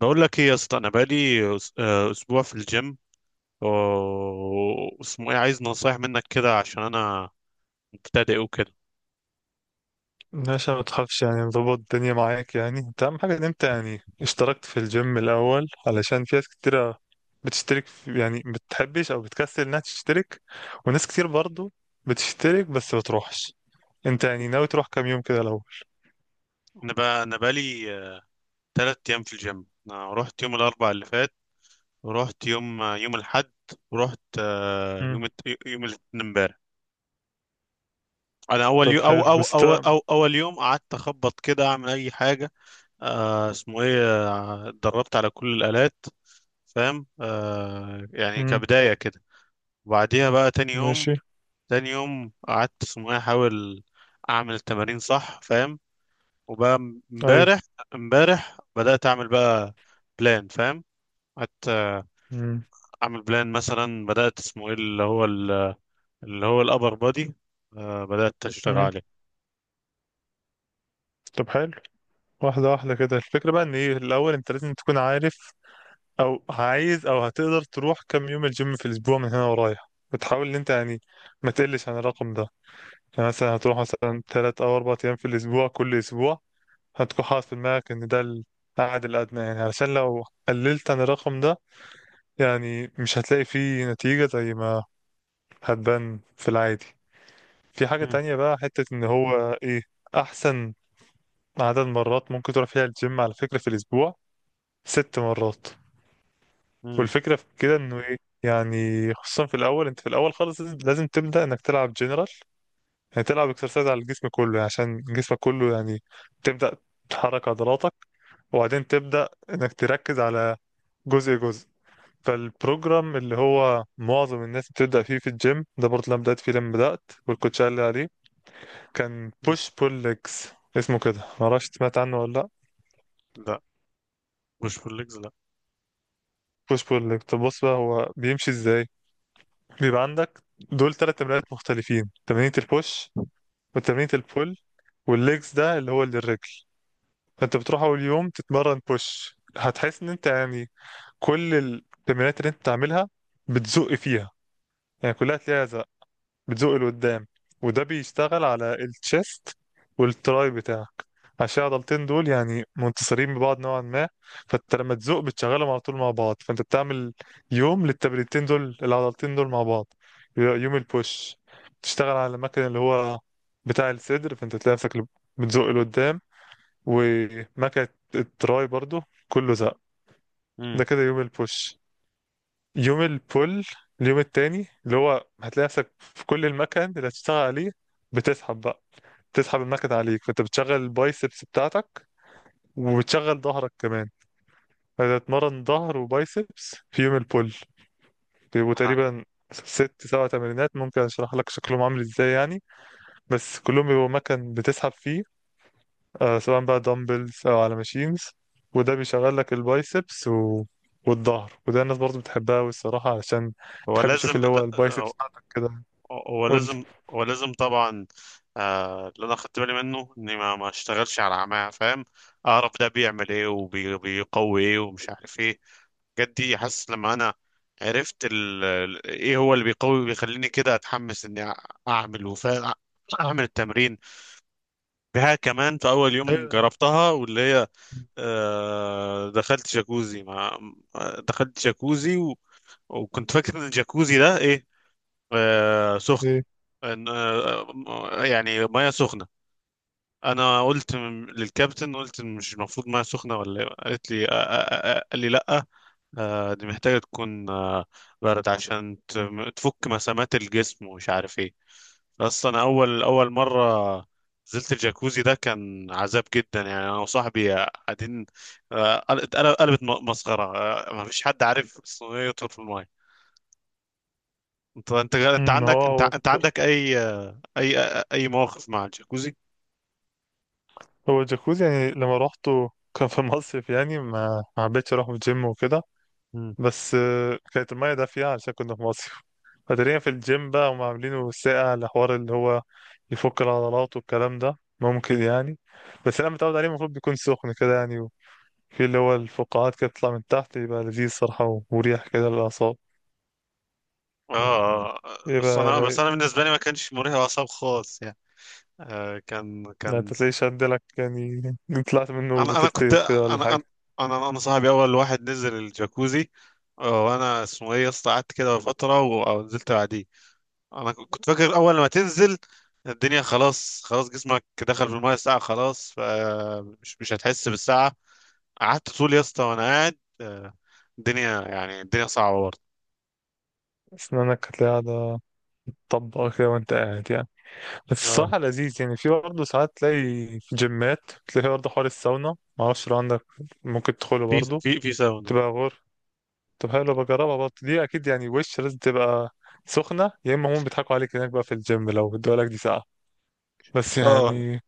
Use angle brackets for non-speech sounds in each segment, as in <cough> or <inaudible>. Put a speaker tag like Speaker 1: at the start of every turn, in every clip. Speaker 1: بقول لك ايه يا اسطى، انا بقالي اسبوع في الجيم و- واسمه ايه. عايز نصايح منك كده عشان انا مبتدئ وكده.
Speaker 2: باشا، ما تخافش، يعني نظبط الدنيا معاك. يعني انت اهم حاجة ان انت يعني اشتركت في الجيم الاول، علشان في ناس كتيرة بتشترك يعني بتحبش او بتكسل انها تشترك، وناس كتير برضو بتشترك بس ما بتروحش. انت يعني ناوي تروح كام يوم كده الاول؟
Speaker 1: انا بقالي ثلاث ايام في الجيم. انا رحت يوم الاربعاء اللي فات، ورحت يوم الاحد، ورحت
Speaker 2: امم.
Speaker 1: يوم الاثنين امبارح. انا اول
Speaker 2: طب
Speaker 1: يوم أو
Speaker 2: حلو،
Speaker 1: أو,
Speaker 2: بس
Speaker 1: او
Speaker 2: ده.
Speaker 1: او اول يوم قعدت اخبط كده، اعمل اي حاجه. آه، اسمه ايه آه، اتدربت على كل الالات، فاهم، يعني
Speaker 2: امم.
Speaker 1: كبدايه كده. وبعديها بقى تاني يوم،
Speaker 2: ماشي.
Speaker 1: تاني يوم قعدت اسمه إيه، احاول اعمل التمارين صح، فاهم. وبقى
Speaker 2: ايوه.
Speaker 1: امبارح، امبارح بدأت اعمل بقى بلان، فاهم. قعدت
Speaker 2: امم.
Speaker 1: اعمل بلان. مثلا بدأت اسمه ايه اللي هو ال- اللي هو الابر بودي، بدأت اشتغل
Speaker 2: امم.
Speaker 1: عليه.
Speaker 2: طب حلو، واحدة واحدة كده. الفكرة بقى ان ايه الاول، انت لازم تكون عارف او عايز او هتقدر تروح كام يوم الجيم في الاسبوع من هنا ورايح، وتحاول ان انت يعني ما تقلش عن الرقم ده. يعني مثلا هتروح مثلا ثلاث او اربع ايام في الاسبوع، كل اسبوع هتكون حاطط في دماغك ان ده القعد الادنى، يعني علشان لو قللت عن الرقم ده يعني مش هتلاقي فيه نتيجة زي ما هتبان في العادي. في حاجة
Speaker 1: مم،
Speaker 2: تانية بقى، حتة ان هو ايه احسن عدد مرات ممكن تروح فيها الجيم على فكرة في الاسبوع؟ ست مرات.
Speaker 1: مم،
Speaker 2: والفكرة في كده انه ايه، يعني خصوصا في الاول، انت في الاول خالص لازم تبدأ انك تلعب جنرال، يعني تلعب اكسرسايز على الجسم كله، يعني عشان جسمك كله يعني تبدأ تحرك عضلاتك، وبعدين تبدأ انك تركز على جزء جزء. فالبروجرام اللي هو معظم الناس بتبدأ فيه في الجيم، ده برضه اللي أنا بدأت فيه لما بدأت والكوتش قال لي عليه، كان
Speaker 1: مم.
Speaker 2: بوش بول ليجز، اسمه كده، معرفش سمعت عنه ولا لأ؟
Speaker 1: لا، مش بول ليجز، لا.
Speaker 2: بوش بول ليجز، طب بص بقى هو بيمشي ازاي. بيبقى عندك دول ثلاث تمرينات مختلفين، تمرينة البوش وتمرينة البول والليجز، ده اللي هو للرجل. فانت بتروح اول يوم تتمرن بوش، هتحس ان انت يعني كل التمرينات اللي انت بتعملها بتزق فيها، يعني كلها تلاقيها زق، بتزق لقدام، وده بيشتغل على التشيست والتراي بتاعك، عشان العضلتين دول يعني منتصرين ببعض نوعا ما. فانت لما تزق بتشغلهم على طول مع بعض، فانت بتعمل يوم للتمرينتين دول، العضلتين دول مع بعض. يبقى يوم البوش تشتغل على المكان اللي هو بتاع الصدر، فانت تلاقي نفسك بتزق لقدام، ومكنة التراي برضو كله زق.
Speaker 1: مم.
Speaker 2: ده كده يوم البوش. يوم البول، اليوم التاني، اللي هو هتلاقي نفسك في كل المكن اللي هتشتغل عليه بتسحب بقى، بتسحب المكن عليك، فانت بتشغل البايسبس بتاعتك، وبتشغل ظهرك كمان. هتتمرن ظهر وبايسبس في يوم البول، بيبقوا
Speaker 1: آه.
Speaker 2: تقريبا ست سبع تمرينات، ممكن اشرح لك شكلهم عامل ازاي يعني، بس كلهم بيبقوا مكن بتسحب فيه، آه سواء بقى دمبلز او على ماشينز. وده بيشغل لك البايسبس و... والظهر، وده الناس برضه بتحبها، والصراحة علشان
Speaker 1: هو
Speaker 2: تحب تشوف
Speaker 1: لازم
Speaker 2: اللي
Speaker 1: لا
Speaker 2: هو البايسبس بتاعتك كده.
Speaker 1: هو
Speaker 2: قول لي.
Speaker 1: لازم، هو لازم طبعا. آه، اللي انا خدت بالي منه اني ما اشتغلش على عماه، فاهم. اعرف ده بيعمل ايه وبيقوي ايه ومش عارف ايه، الحاجات دي. حاسس لما انا عرفت ايه هو اللي بيقوي، بيخليني كده اتحمس اني اعمل وفا، اعمل التمرين بها كمان. في اول يوم
Speaker 2: ايوه.
Speaker 1: جربتها واللي هي دخلت جاكوزي ما دخلت جاكوزي وكنت فاكر ان الجاكوزي ده ايه، سخن.
Speaker 2: ايه.
Speaker 1: ان يعني ميه سخنه. انا قلت للكابتن، قلت مش المفروض ميه سخنه ولا إيه؟ قالت لي قال لي لا، دي محتاجه تكون برد عشان تفك مسامات الجسم ومش عارف ايه. بس انا اول مره نزلت الجاكوزي ده كان عذاب جدا، يعني انا وصاحبي قاعدين. قلبت مسخره. ما فيش حد عارف الصينيه يطول في الميه. انت انت انت
Speaker 2: امم. هو
Speaker 1: عندك انت
Speaker 2: هو
Speaker 1: انت عندك
Speaker 2: الصراحة-
Speaker 1: اي مواقف مع الجاكوزي؟
Speaker 2: هو الجاكوزي يعني لما روحته كان في <laughs> مصيف، يعني ما حبيتش اروح الجيم وكده.
Speaker 1: مم.
Speaker 2: بس كانت المية دافية علشان كنا في مصيف. <laughs> فتقريبا في الجيم بقى هم عاملينه ساقع لحوار اللي هو يفك العضلات والكلام ده ممكن يعني، بس انا متعود عليه، المفروض بيكون سخن كده يعني، في اللي هو الفقاعات كده بتطلع من تحت، يبقى لذيذ صراحة ومريح كده للأعصاب،
Speaker 1: اه.
Speaker 2: يبقى
Speaker 1: بس
Speaker 2: رايق.
Speaker 1: انا بالنسبه لي ما كانش مرهق اعصاب خالص، يعني.
Speaker 2: يعني
Speaker 1: كان.
Speaker 2: انت تلاقيش عندلك يعني طلعت منه
Speaker 1: انا انا كنت
Speaker 2: بترتجف كده ولا
Speaker 1: انا
Speaker 2: حاجة؟
Speaker 1: انا انا, أنا صاحبي اول واحد نزل الجاكوزي. وانا اسمه ايه يا اسطى قعدت كده فتره ونزلت بعديه. انا كنت فاكر اول ما تنزل الدنيا خلاص، خلاص جسمك دخل في المايه الساعه، خلاص فمش مش هتحس بالساعه. قعدت طول يا اسطى وانا قاعد، الدنيا يعني الدنيا صعبه برضه.
Speaker 2: أسنانك هتلاقيها قاعدة طبقه كده وانت قاعد يعني، بس
Speaker 1: اه.
Speaker 2: الصراحه لذيذ. يعني في برضه ساعات تلاقي في جيمات، تلاقي برضه حوار الساونا، معرفش لو عندك، ممكن تدخله
Speaker 1: في
Speaker 2: برضه،
Speaker 1: ساونا.
Speaker 2: تبقى غور. طب حلو، بجربها برضه دي اكيد. يعني وش لازم تبقى سخنه، يا اما هم بيضحكوا عليك هناك بقى في الجيم لو ادوا لك دي ساعه، بس
Speaker 1: اه.
Speaker 2: يعني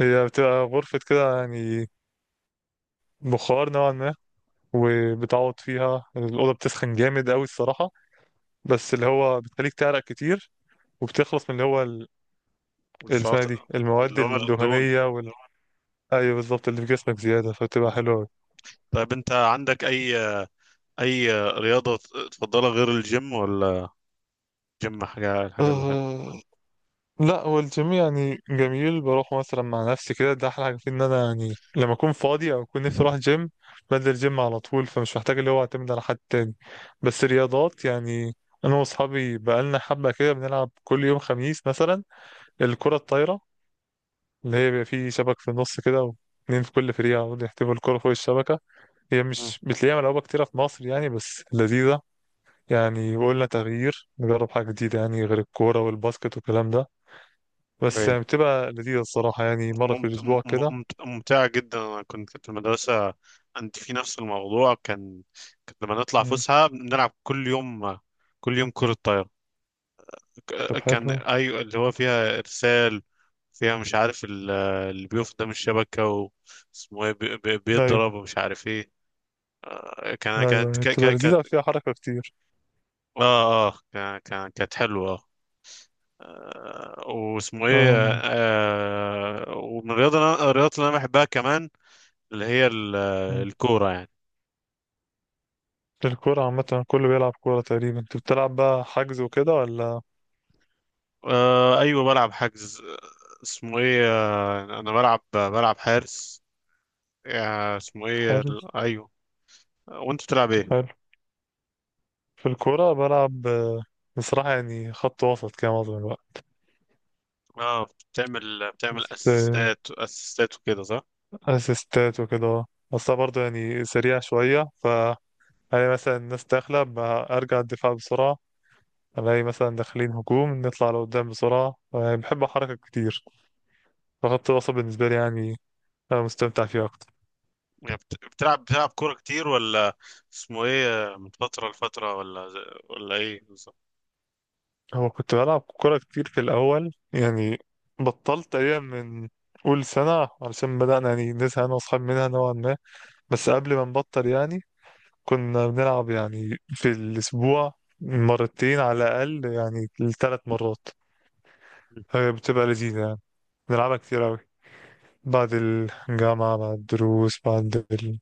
Speaker 2: هي بتبقى غرفه كده يعني بخار نوعا ما، وبتعوض فيها الأوضة بتسخن جامد أوي الصراحة، بس اللي هو بتخليك تعرق كتير، وبتخلص من اللي هو اللي اسمها إيه
Speaker 1: والشاطئ.
Speaker 2: دي، المواد
Speaker 1: اللي
Speaker 2: اه
Speaker 1: هو الدهون.
Speaker 2: الدهنية. ايوه بالظبط، اللي في جسمك زياده، فبتبقى
Speaker 1: مم.
Speaker 2: حلوه أوي.
Speaker 1: طيب انت عندك اي اي رياضة تفضلها غير الجيم ولا جيم حاجة، الحاجة الوحيدة؟
Speaker 2: أه. لا هو الجيم يعني جميل، بروح مثلا مع نفسي كده، ده احلى حاجه فيه ان انا يعني لما اكون فاضي او اكون نفسي اروح جيم بنزل جيم على طول، فمش محتاج اللي هو اعتمد على حد تاني. بس رياضات يعني، انا واصحابي بقالنا حبه كده بنلعب كل يوم خميس مثلا الكره الطايره، اللي هي بيبقى فيه شبك في النص كده، واتنين في كل فريق يقعدوا يحتفوا الكره فوق الشبكه، هي
Speaker 1: مم.
Speaker 2: مش بتلاقيها ملعوبه كتيره في مصر يعني، بس لذيذه يعني، وقلنا تغيير نجرب حاجة جديدة، يعني غير الكورة والباسكت والكلام ده، بس
Speaker 1: ايوه.
Speaker 2: يعني بتبقى لذيذة الصراحة، يعني مرة في الأسبوع كده.
Speaker 1: ممتعة جدا. انا كنت في المدرسة، انت في نفس الموضوع، كان كنت لما نطلع
Speaker 2: مم.
Speaker 1: فسحة بنلعب كل يوم، كل يوم كرة طايرة.
Speaker 2: طب
Speaker 1: كان،
Speaker 2: حلو.
Speaker 1: ايوه، اللي هو فيها ارسال، فيها مش عارف اللي بيقف قدام الشبكة. واسمه ايه،
Speaker 2: أيوه.
Speaker 1: بيضرب ومش عارف ايه.
Speaker 2: أيوه، يعني بتبقى لذيذة
Speaker 1: كانت.
Speaker 2: فيها حركة كتير.
Speaker 1: اه اه، كانت حلوة. آه، واسمه ايه
Speaker 2: أم.
Speaker 1: آه، ومن الرياضة الرياضات اللي انا بحبها كمان اللي هي
Speaker 2: مم.
Speaker 1: الكورة يعني.
Speaker 2: الكورة عامة كله بيلعب كورة تقريبا، أنت بتلعب بقى حجز وكده ولا؟
Speaker 1: ايوه، بلعب حجز. آه، اسمه ايه آه، انا بلعب حارس.
Speaker 2: حلو.
Speaker 1: ايوه. وانت بتلعب
Speaker 2: طب
Speaker 1: ايه؟
Speaker 2: حلو. في الكورة بلعب، بصراحة يعني خط وسط كده معظم الوقت.
Speaker 1: اه. بتعمل
Speaker 2: بس
Speaker 1: اسيستات، اسيستات وكده، صح؟
Speaker 2: أسيستات وكده. أصلا برضه يعني سريع شوية، الاقي مثلا الناس داخلة ارجع الدفاع بسرعة، الاقي مثلا داخلين هجوم نطلع لقدام بسرعة، يعني بحب أحرك كتير، فخط الوسط بالنسبة لي يعني أنا مستمتع فيه أكتر.
Speaker 1: يعني بتلعب، كورة كتير، ولا اسمه ايه من فترة لفترة، ولا ولا ايه بالظبط؟
Speaker 2: هو كنت بلعب كورة كتير في الأول يعني، بطلت تقريبا من أول سنة، علشان بدأنا يعني نزهق أنا وأصحابي منها نوعا ما. بس قبل ما نبطل يعني كنا بنلعب يعني في الأسبوع مرتين على الأقل، يعني لثلاث مرات، هي بتبقى لذيذة يعني، بنلعبها كتير أوي، بعد الجامعة بعد الدروس بعد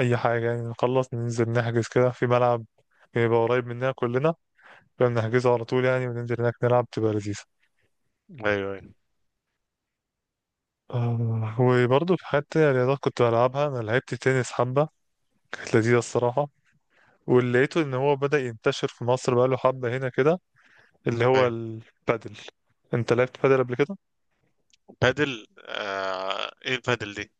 Speaker 2: أي حاجة يعني، نخلص ننزل نحجز كده في ملعب بيبقى قريب مننا كلنا، كنا بنحجزه على طول يعني وننزل هناك نلعب، تبقى لذيذة.
Speaker 1: ايوه، ايوه.
Speaker 2: وبرضه في حتة رياضات كنت بلعبها، أنا لعبت تنس حبة، كانت لذيذة الصراحة. واللي لقيته إن هو بدأ ينتشر في مصر بقاله حبة هنا كده، اللي هو
Speaker 1: ايوه.
Speaker 2: البادل. أنت لعبت بادل قبل كده؟
Speaker 1: بادل؟ آه، ايه البادل دي؟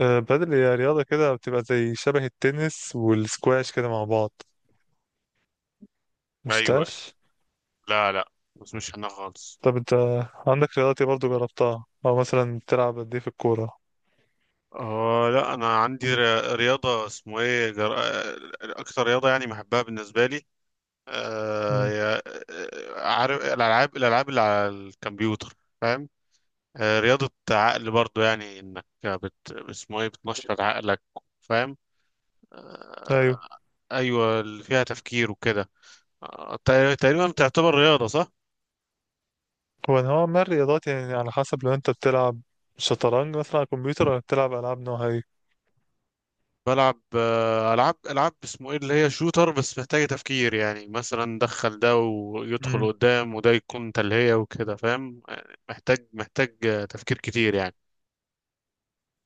Speaker 2: بادل هي رياضة كده بتبقى زي شبه التنس والسكواش كده مع بعض،
Speaker 1: ايوه.
Speaker 2: مشفتهاش؟
Speaker 1: لا لا، بس مش انا خالص.
Speaker 2: طب انت عندك رياضات ايه برضه جربتها، او مثلا بتلعب قد ايه في الكورة؟
Speaker 1: اه، لا، انا عندي رياضة، اسمه ايه جر... آه، اكتر رياضة يعني بحبها بالنسبة لي. آه
Speaker 2: امم.
Speaker 1: يا- عارف الالعاب، اللي على الكمبيوتر، فاهم. آه، رياضة عقل برضو، يعني انك بت... اسمه ايه بتنشط عقلك، فاهم.
Speaker 2: ايوه.
Speaker 1: ايوه، اللي فيها تفكير وكده. تقريبا تعتبر رياضه، صح؟
Speaker 2: هو ما الرياضات يعني على حسب، لو انت بتلعب شطرنج مثلا على الكمبيوتر، ولا بتلعب العاب نوعها ايه؟
Speaker 1: بلعب العاب، اسمه ايه اللي هي شوتر، بس محتاجه تفكير. يعني مثلا دخل ده ويدخل
Speaker 2: امم.
Speaker 1: قدام وده يكون تلهيه وكده، فاهم. يعني محتاج محتاج آه، تفكير كتير يعني.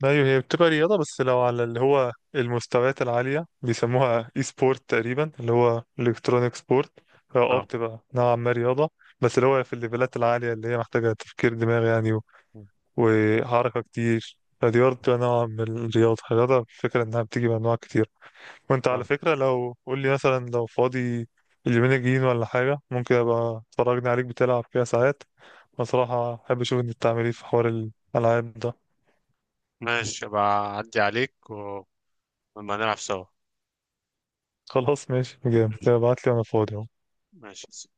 Speaker 2: ايوه، هي بتبقى رياضة، بس لو على اللي هو المستويات العالية بيسموها اي سبورت تقريبا، اللي هو الكترونيك سبورت، اه
Speaker 1: اه.
Speaker 2: بتبقى نوعا ما رياضة، بس اللي هو في الليفلات العالية اللي هي محتاجة تفكير دماغ يعني و- وحركة كتير، فدي برضه بتبقى نوع من الرياضة. الرياضة الفكرة إنها بتيجي بأنواع كتير. وانت على
Speaker 1: آه.
Speaker 2: فكرة لو قول لي مثلا، لو فاضي اليومين الجايين ولا حاجة، ممكن ابقى اتفرجني عليك بتلعب كده ساعات، بصراحة احب اشوف انت بتعمل ايه في حوار الالعاب ده.
Speaker 1: ماشي، ابقى اعدي عليك ولما نلعب سوا.
Speaker 2: خلاص ماشي، جامد،
Speaker 1: ماشي.
Speaker 2: ابعت لي وانا فاضي.
Speaker 1: ماشي.